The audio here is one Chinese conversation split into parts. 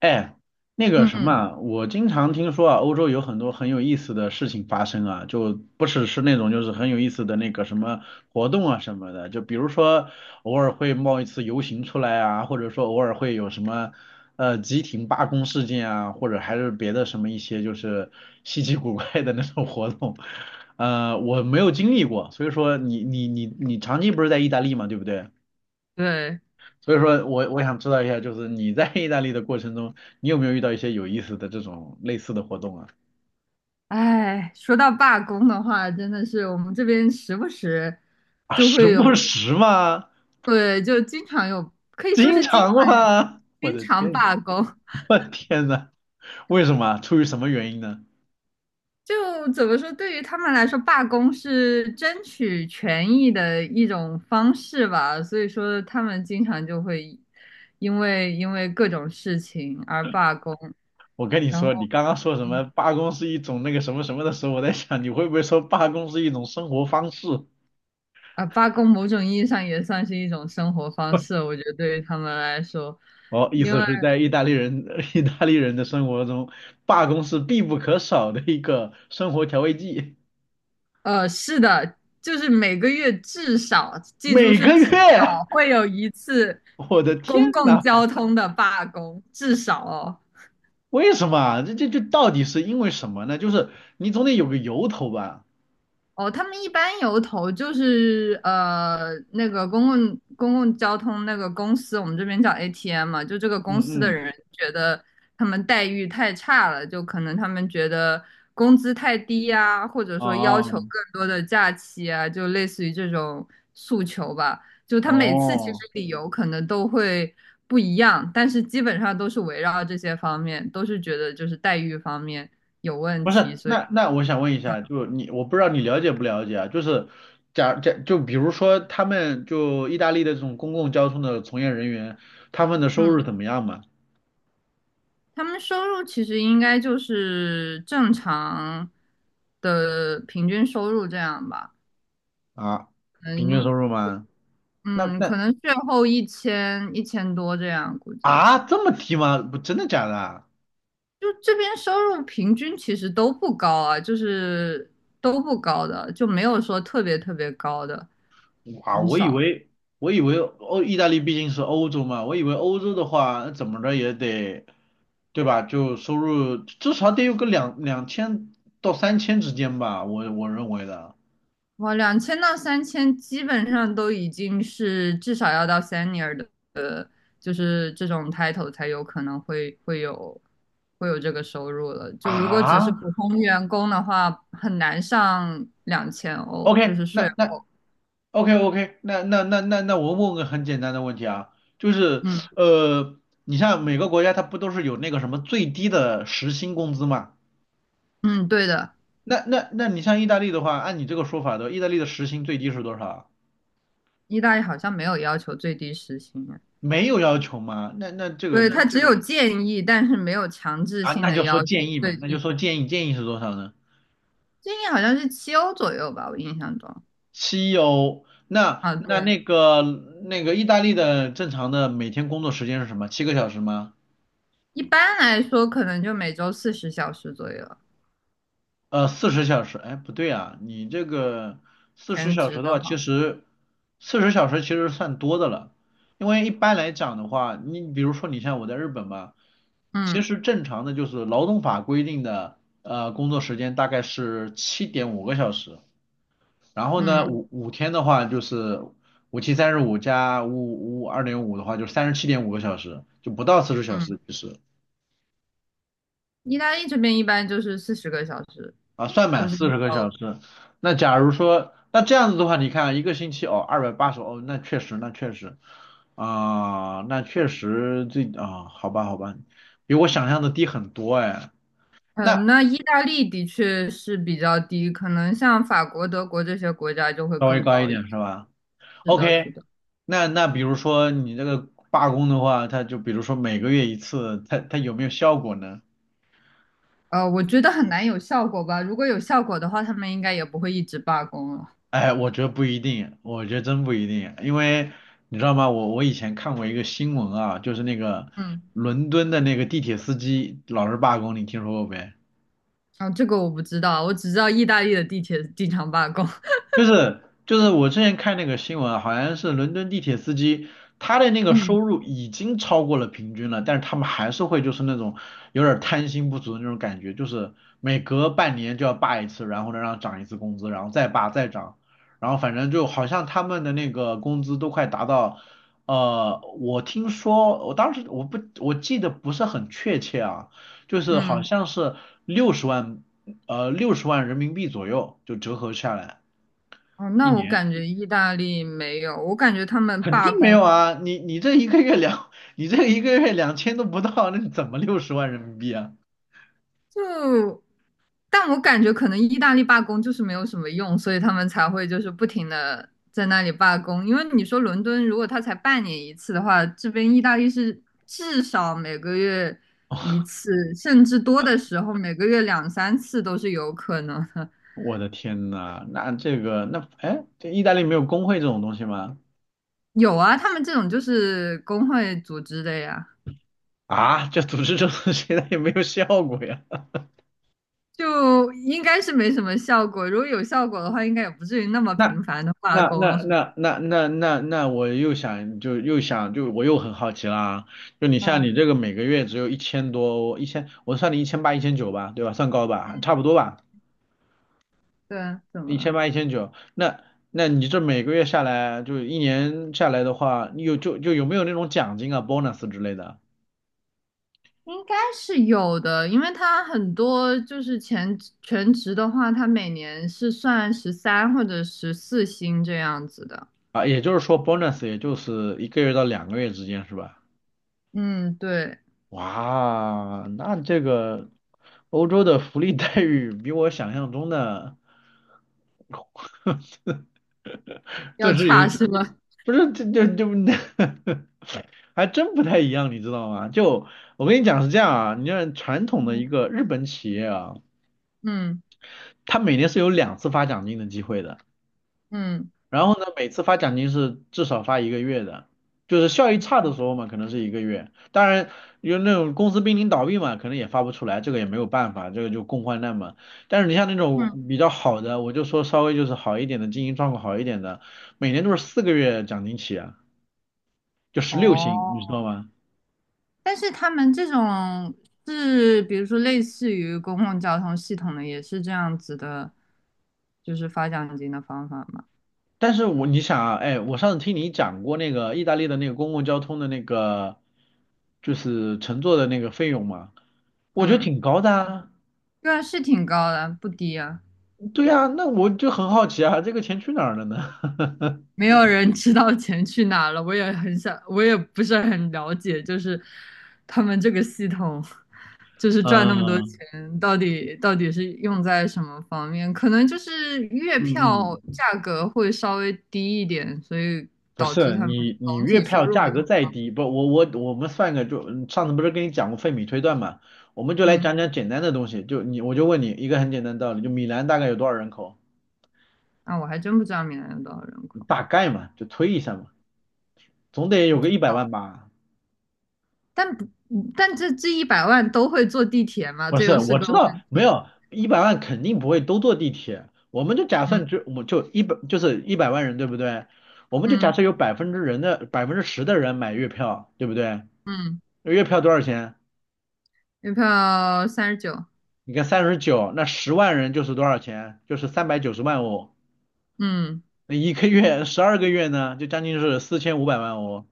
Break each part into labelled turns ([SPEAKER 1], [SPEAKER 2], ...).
[SPEAKER 1] 哎，那个什么
[SPEAKER 2] 嗯，
[SPEAKER 1] 啊我经常听说啊，欧洲有很多很有意思的事情发生啊，就不只是那种就是很有意思的那个什么活动啊什么的。就比如说偶尔会冒一次游行出来啊，或者说偶尔会有什么集体罢工事件啊，或者还是别的什么一些就是稀奇古怪的那种活动。我没有经历过。所以说你长期不是在意大利嘛，对不对？
[SPEAKER 2] 对，
[SPEAKER 1] 所以说我想知道一下，就是你在意大利的过程中，你有没有遇到一些有意思的这种类似的活动啊？
[SPEAKER 2] 哎，说到罢工的话，真的是我们这边时不时
[SPEAKER 1] 啊，
[SPEAKER 2] 就
[SPEAKER 1] 时
[SPEAKER 2] 会
[SPEAKER 1] 不
[SPEAKER 2] 有，
[SPEAKER 1] 时嘛。
[SPEAKER 2] 对，就经常有，可以说
[SPEAKER 1] 经
[SPEAKER 2] 是经
[SPEAKER 1] 常
[SPEAKER 2] 常有
[SPEAKER 1] 嘛，我
[SPEAKER 2] 经
[SPEAKER 1] 的
[SPEAKER 2] 常
[SPEAKER 1] 天。
[SPEAKER 2] 罢工。
[SPEAKER 1] 我的天呐。为什么啊？出于什么原因呢？
[SPEAKER 2] 就怎么说，对于他们来说，罢工是争取权益的一种方式吧。所以说，他们经常就会因为各种事情而罢工，
[SPEAKER 1] 我跟你
[SPEAKER 2] 然
[SPEAKER 1] 说，你
[SPEAKER 2] 后。
[SPEAKER 1] 刚刚说什么罢工是一种那个什么什么的时候，我在想你会不会说罢工是一种生活方式？
[SPEAKER 2] 啊，罢工某种意义上也算是一种生活方式，我觉得对于他们来说，
[SPEAKER 1] 哦，意
[SPEAKER 2] 因
[SPEAKER 1] 思
[SPEAKER 2] 为
[SPEAKER 1] 是在意大利人 意大利人的生活中，罢工是必不可少的一个生活调味剂。
[SPEAKER 2] 是的，就是每个月至少，记住
[SPEAKER 1] 每
[SPEAKER 2] 是
[SPEAKER 1] 个
[SPEAKER 2] 至
[SPEAKER 1] 月。
[SPEAKER 2] 少会有一次
[SPEAKER 1] 我的天
[SPEAKER 2] 公共
[SPEAKER 1] 呐。
[SPEAKER 2] 交通的罢工，至少哦。
[SPEAKER 1] 为什么啊？这到底是因为什么呢？就是你总得有个由头吧？
[SPEAKER 2] 哦，他们一般由头就是那个公共交通那个公司，我们这边叫 ATM 嘛，就这个公司
[SPEAKER 1] 嗯
[SPEAKER 2] 的
[SPEAKER 1] 嗯。
[SPEAKER 2] 人觉得他们待遇太差了，就可能他们觉得工资太低呀，或者说要求
[SPEAKER 1] 哦
[SPEAKER 2] 更多的假期啊，就类似于这种诉求吧。就他每次其实
[SPEAKER 1] 哦。
[SPEAKER 2] 理由可能都会不一样，但是基本上都是围绕这些方面，都是觉得就是待遇方面有问
[SPEAKER 1] 不
[SPEAKER 2] 题，
[SPEAKER 1] 是，
[SPEAKER 2] 所以。
[SPEAKER 1] 那我想问一下。就你，我不知道你了解不了解啊？就是就比如说他们就意大利的这种公共交通的从业人员，他们的收入
[SPEAKER 2] 嗯。
[SPEAKER 1] 怎么样嘛？
[SPEAKER 2] 他们收入其实应该就是正常的平均收入这样吧，
[SPEAKER 1] 啊，
[SPEAKER 2] 可
[SPEAKER 1] 平均收
[SPEAKER 2] 能
[SPEAKER 1] 入吗？那
[SPEAKER 2] 嗯，可
[SPEAKER 1] 那
[SPEAKER 2] 能税后1000,1000多这样估计。
[SPEAKER 1] 啊，这么低吗？不，真的假的啊？
[SPEAKER 2] 就这边收入平均其实都不高啊，就是都不高的，就没有说特别特别高的，
[SPEAKER 1] 哇，
[SPEAKER 2] 很
[SPEAKER 1] 我以
[SPEAKER 2] 少。
[SPEAKER 1] 为我以为意大利毕竟是欧洲嘛。我以为欧洲的话，那怎么着也得，对吧？就收入至少得有个两千到3000之间吧，我认为的
[SPEAKER 2] 哇，2000到3000基本上都已经是至少要到 senior 的，呃就是这种 title 才有可能会有会有这个收入了。就如果只是
[SPEAKER 1] 啊。
[SPEAKER 2] 普通员工的话，很难上2000欧，就
[SPEAKER 1] OK。
[SPEAKER 2] 是税
[SPEAKER 1] 那
[SPEAKER 2] 后。
[SPEAKER 1] OK，那我问个很简单的问题啊，就是
[SPEAKER 2] 嗯
[SPEAKER 1] 呃，你像每个国家它不都是有那个什么最低的时薪工资嘛？
[SPEAKER 2] 嗯，对的，
[SPEAKER 1] 那你像意大利的话，按你这个说法的，意大利的时薪最低是多少啊？
[SPEAKER 2] 意大利好像没有要求最低时薪啊。
[SPEAKER 1] 没有要求吗？那这个
[SPEAKER 2] 对，他它只有建议，但是没有强制
[SPEAKER 1] 啊，
[SPEAKER 2] 性
[SPEAKER 1] 那
[SPEAKER 2] 的
[SPEAKER 1] 就说
[SPEAKER 2] 要求
[SPEAKER 1] 建议嘛。
[SPEAKER 2] 最
[SPEAKER 1] 那就
[SPEAKER 2] 低。
[SPEAKER 1] 说建议，建议是多少呢？
[SPEAKER 2] 建议好像是7欧左右吧，我印象中。
[SPEAKER 1] 7欧。那
[SPEAKER 2] 啊，
[SPEAKER 1] 那
[SPEAKER 2] 对。
[SPEAKER 1] 那个那个意大利的正常的每天工作时间是什么？7个小时吗？
[SPEAKER 2] 一般来说可能就每周40小时左右，
[SPEAKER 1] 四十小时？哎，不对啊，你这个四十
[SPEAKER 2] 全
[SPEAKER 1] 小
[SPEAKER 2] 职
[SPEAKER 1] 时的
[SPEAKER 2] 的
[SPEAKER 1] 话，其
[SPEAKER 2] 话，
[SPEAKER 1] 实四十小时其实算多的了。因为一般来讲的话，你比如说你像我在日本吧，其
[SPEAKER 2] 嗯。
[SPEAKER 1] 实正常的就是劳动法规定的工作时间大概是七点五个小时。然后呢，
[SPEAKER 2] 嗯
[SPEAKER 1] 5天的话就是五七三十五加五五二点五的话，就是37.5个小时，就不到四十小
[SPEAKER 2] 嗯，
[SPEAKER 1] 时其实
[SPEAKER 2] 意大利这边一般就是40个小时，
[SPEAKER 1] 啊。算
[SPEAKER 2] 就
[SPEAKER 1] 满
[SPEAKER 2] 是
[SPEAKER 1] 四
[SPEAKER 2] 一
[SPEAKER 1] 十个
[SPEAKER 2] 周。
[SPEAKER 1] 小时。那假如说，那这样子的话，你看啊一个星期哦，280哦。那确实，好吧，好吧，比我想象的低很多哎。
[SPEAKER 2] 嗯，
[SPEAKER 1] 那
[SPEAKER 2] 那意大利的确是比较低，可能像法国、德国这些国家就会
[SPEAKER 1] 稍微
[SPEAKER 2] 更
[SPEAKER 1] 高一
[SPEAKER 2] 高一
[SPEAKER 1] 点
[SPEAKER 2] 些。
[SPEAKER 1] 是吧
[SPEAKER 2] 是的，是
[SPEAKER 1] ？OK。
[SPEAKER 2] 的，
[SPEAKER 1] 那比如说你这个罢工的话，它就比如说每个月一次，它有没有效果呢？
[SPEAKER 2] 我觉得很难有效果吧，如果有效果的话，他们应该也不会一直罢工了。
[SPEAKER 1] 哎，我觉得不一定，我觉得真不一定。因为你知道吗？我以前看过一个新闻啊，就是那个
[SPEAKER 2] 嗯，
[SPEAKER 1] 伦敦的那个地铁司机老是罢工，你听说过没？
[SPEAKER 2] 哦，这个我不知道，我只知道意大利的地铁经常罢工。
[SPEAKER 1] 就是就是我之前看那个新闻啊，好像是伦敦地铁司机，他的那个收
[SPEAKER 2] 嗯
[SPEAKER 1] 入已经超过了平均了，但是他们还是会就是那种有点儿贪心不足的那种感觉，就是每隔半年就要罢一次，然后呢让涨一次工资，然后再罢再涨。然后反正就好像他们的那个工资都快达到，我听说我当时我记得不是很确切啊。就是好
[SPEAKER 2] 嗯。
[SPEAKER 1] 像是六十万六十万人民币左右就折合下来。
[SPEAKER 2] 哦，
[SPEAKER 1] 一
[SPEAKER 2] 那我
[SPEAKER 1] 年
[SPEAKER 2] 感觉意大利没有，我感觉他们
[SPEAKER 1] 肯
[SPEAKER 2] 罢
[SPEAKER 1] 定没
[SPEAKER 2] 工
[SPEAKER 1] 有啊，你这一个月两，你这一个月2000都不到，那是怎么六十万人民币啊？
[SPEAKER 2] 就，但我感觉可能意大利罢工就是没有什么用，所以他们才会就是不停的在那里罢工。因为你说伦敦如果他才半年一次的话，这边意大利是至少每个月1次，甚至多的时候每个月2,3次都是有可能的。
[SPEAKER 1] 我的天呐。那这个那哎，这意大利没有工会这种东西吗？
[SPEAKER 2] 有啊，他们这种就是工会组织的呀。
[SPEAKER 1] 啊，这组织这种东西它也没有效果呀。
[SPEAKER 2] 就应该是没什么效果。如果有效果的话，应该也不至于那 么
[SPEAKER 1] 那
[SPEAKER 2] 频繁的罢
[SPEAKER 1] 那
[SPEAKER 2] 工
[SPEAKER 1] 那
[SPEAKER 2] 了。
[SPEAKER 1] 那那那那那我又想就又想就我又很好奇啦。就你像
[SPEAKER 2] 嗯，
[SPEAKER 1] 你这个每个月只有1000多。一千我算你一千八一千九吧，对吧？算高吧，
[SPEAKER 2] 嗯，
[SPEAKER 1] 差不多吧。
[SPEAKER 2] 对啊，怎么
[SPEAKER 1] 一千
[SPEAKER 2] 了？
[SPEAKER 1] 八、一千九。那你这每个月下来，就一年下来的话，你有就就有没有那种奖金啊、bonus 之类的
[SPEAKER 2] 应该是有的，因为他很多就是全职的话，他每年是算13或者14薪这样子的。
[SPEAKER 1] 啊？也就是说，bonus 也就是一个月到2个月之间，是吧？
[SPEAKER 2] 嗯，对，
[SPEAKER 1] 哇，那这个欧洲的福利待遇比我想象中的，
[SPEAKER 2] 要
[SPEAKER 1] 这是
[SPEAKER 2] 差
[SPEAKER 1] 有，
[SPEAKER 2] 是吧？
[SPEAKER 1] 不是这这这，还真不太一样，你知道吗？就我跟你讲是这样啊，你像传统的
[SPEAKER 2] 嗯
[SPEAKER 1] 一个日本企业啊，
[SPEAKER 2] 嗯
[SPEAKER 1] 它每年是有2次发奖金的机会的。
[SPEAKER 2] 嗯
[SPEAKER 1] 然后呢，每次发奖金是至少发一个月的，就是效益差的时
[SPEAKER 2] 嗯
[SPEAKER 1] 候嘛，可能是一个月。当然，有那种公司濒临倒闭嘛，可能也发不出来，这个也没有办法，这个就共患难嘛。但是你像那
[SPEAKER 2] 嗯。
[SPEAKER 1] 种比较好的，我就说稍微就是好一点的，经营状况好一点的，每年都是4个月奖金起啊，就十六
[SPEAKER 2] 哦，
[SPEAKER 1] 薪，你知道吗？
[SPEAKER 2] 但是他们这种是，比如说类似于公共交通系统的，也是这样子的，就是发奖金的方法嘛。
[SPEAKER 1] 但是你想啊，哎，我上次听你讲过那个意大利的那个公共交通的那个，就是乘坐的那个费用嘛，我觉得
[SPEAKER 2] 嗯，
[SPEAKER 1] 挺高的啊。
[SPEAKER 2] 对，啊，是挺高的，不低啊。
[SPEAKER 1] 对呀，那我就很好奇啊，这个钱去哪儿了呢？
[SPEAKER 2] 没有人知道钱去哪了，我也很想，我也不是很了解，就是他们这个系统，就是赚那么多
[SPEAKER 1] 嗯
[SPEAKER 2] 钱，到底是用在什么方面？可能就是月票
[SPEAKER 1] 嗯嗯。
[SPEAKER 2] 价格会稍微低一点，所以
[SPEAKER 1] 不
[SPEAKER 2] 导致
[SPEAKER 1] 是
[SPEAKER 2] 他们
[SPEAKER 1] 你
[SPEAKER 2] 总
[SPEAKER 1] 月
[SPEAKER 2] 体收
[SPEAKER 1] 票
[SPEAKER 2] 入
[SPEAKER 1] 价
[SPEAKER 2] 没那
[SPEAKER 1] 格
[SPEAKER 2] 么，
[SPEAKER 1] 再低，不我我我们算个上次不是跟你讲过费米推断嘛。我们就来
[SPEAKER 2] 嗯。
[SPEAKER 1] 讲讲简单的东西。我就问你一个很简单的道理，就米兰大概有多少人口？
[SPEAKER 2] 啊，我还真不知道米兰有多少人口，
[SPEAKER 1] 大概嘛，就推一下嘛，总得有个一百万吧。
[SPEAKER 2] 但不，嗯但这100万都会坐地铁吗？
[SPEAKER 1] 不
[SPEAKER 2] 这
[SPEAKER 1] 是，
[SPEAKER 2] 又是
[SPEAKER 1] 我
[SPEAKER 2] 个
[SPEAKER 1] 知道
[SPEAKER 2] 问
[SPEAKER 1] 没
[SPEAKER 2] 题。
[SPEAKER 1] 有一百万肯定不会都坐地铁。我们就假
[SPEAKER 2] 嗯
[SPEAKER 1] 设就是100万人对不对？我们就假
[SPEAKER 2] 嗯
[SPEAKER 1] 设有10%的人买月票对不对？
[SPEAKER 2] 嗯，
[SPEAKER 1] 那月票多少钱？
[SPEAKER 2] 月票39。
[SPEAKER 1] 你看39，那十万人就是多少钱？就是390万哦。
[SPEAKER 2] 嗯
[SPEAKER 1] 那一个月12个月呢，就将近是四千五百万哦。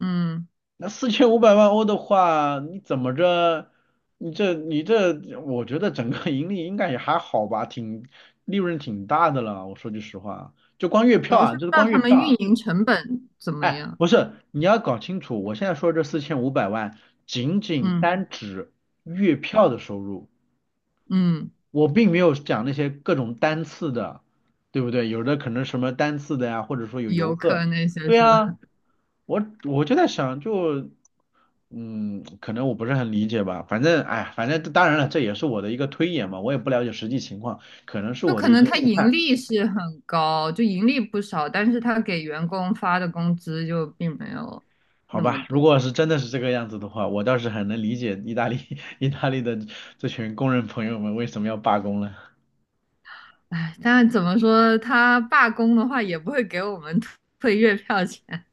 [SPEAKER 2] 嗯，
[SPEAKER 1] 那4500万欧的话，你怎么着？你这你这，我觉得整个盈利应该也还好吧。利润挺大的了。我说句实话，就光月
[SPEAKER 2] 主
[SPEAKER 1] 票
[SPEAKER 2] 要是
[SPEAKER 1] 啊，
[SPEAKER 2] 不
[SPEAKER 1] 就
[SPEAKER 2] 知
[SPEAKER 1] 是
[SPEAKER 2] 道
[SPEAKER 1] 光
[SPEAKER 2] 他
[SPEAKER 1] 月
[SPEAKER 2] 们
[SPEAKER 1] 票啊。
[SPEAKER 2] 运营成本怎么
[SPEAKER 1] 哎，
[SPEAKER 2] 样。
[SPEAKER 1] 不是，你要搞清楚。我现在说这四千五百万，仅仅
[SPEAKER 2] 嗯
[SPEAKER 1] 单指月票的收入。
[SPEAKER 2] 嗯，
[SPEAKER 1] 我并没有讲那些各种单次的，对不对？有的可能什么单次的呀，或者说有游
[SPEAKER 2] 游客
[SPEAKER 1] 客。
[SPEAKER 2] 那些
[SPEAKER 1] 对
[SPEAKER 2] 是吧？
[SPEAKER 1] 啊，我就在想，就可能我不是很理解吧。反正当然了，这也是我的一个推演嘛，我也不了解实际情况，可能是
[SPEAKER 2] 就
[SPEAKER 1] 我的
[SPEAKER 2] 可
[SPEAKER 1] 一
[SPEAKER 2] 能
[SPEAKER 1] 些
[SPEAKER 2] 他
[SPEAKER 1] 误
[SPEAKER 2] 盈
[SPEAKER 1] 判。
[SPEAKER 2] 利是很高，就盈利不少，但是他给员工发的工资就并没有
[SPEAKER 1] 好
[SPEAKER 2] 那么
[SPEAKER 1] 吧，如
[SPEAKER 2] 多。
[SPEAKER 1] 果是真的是这个样子的话，我倒是很能理解意大利 意大利的这群工人朋友们为什么要罢工了。
[SPEAKER 2] 哎，但怎么说，他罢工的话也不会给我们退 退月票钱，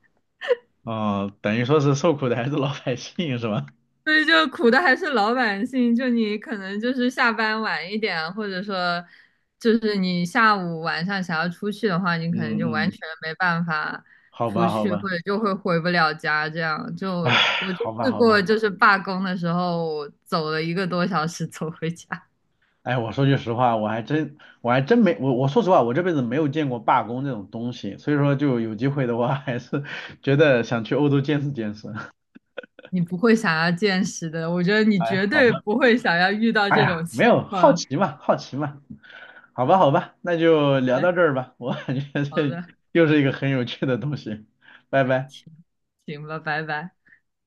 [SPEAKER 1] 哦，等于说是受苦的还是老百姓是吧？
[SPEAKER 2] 所以就苦的还是老百姓。就你可能就是下班晚一点，或者说就是你下午晚上想要出去的话，你可能
[SPEAKER 1] 嗯
[SPEAKER 2] 就完
[SPEAKER 1] 嗯。
[SPEAKER 2] 全没办法
[SPEAKER 1] 好
[SPEAKER 2] 出
[SPEAKER 1] 吧好
[SPEAKER 2] 去，或
[SPEAKER 1] 吧。
[SPEAKER 2] 者就会回不了家。这样就
[SPEAKER 1] 唉，
[SPEAKER 2] 我就
[SPEAKER 1] 好吧，
[SPEAKER 2] 试
[SPEAKER 1] 好
[SPEAKER 2] 过，
[SPEAKER 1] 吧。
[SPEAKER 2] 就是罢工的时候走了1个多小时走回家。
[SPEAKER 1] 哎，我说句实话，我还真，我还真没，我我说实话，我这辈子没有见过罢工这种东西。所以说就有机会的话，还是 觉得想去欧洲见识见识。
[SPEAKER 2] 你不会想要见识的，我觉得你
[SPEAKER 1] 哎，
[SPEAKER 2] 绝
[SPEAKER 1] 好
[SPEAKER 2] 对
[SPEAKER 1] 吧。
[SPEAKER 2] 不会想要遇到
[SPEAKER 1] 哎
[SPEAKER 2] 这种
[SPEAKER 1] 呀，没
[SPEAKER 2] 情
[SPEAKER 1] 有，好
[SPEAKER 2] 况。
[SPEAKER 1] 奇嘛，好奇嘛。好吧，好吧，那就
[SPEAKER 2] 好
[SPEAKER 1] 聊
[SPEAKER 2] 嘞，
[SPEAKER 1] 到这儿吧，我感觉
[SPEAKER 2] 好
[SPEAKER 1] 这
[SPEAKER 2] 的。
[SPEAKER 1] 又是一个很有趣的东西。拜拜。
[SPEAKER 2] 行，行吧，拜拜。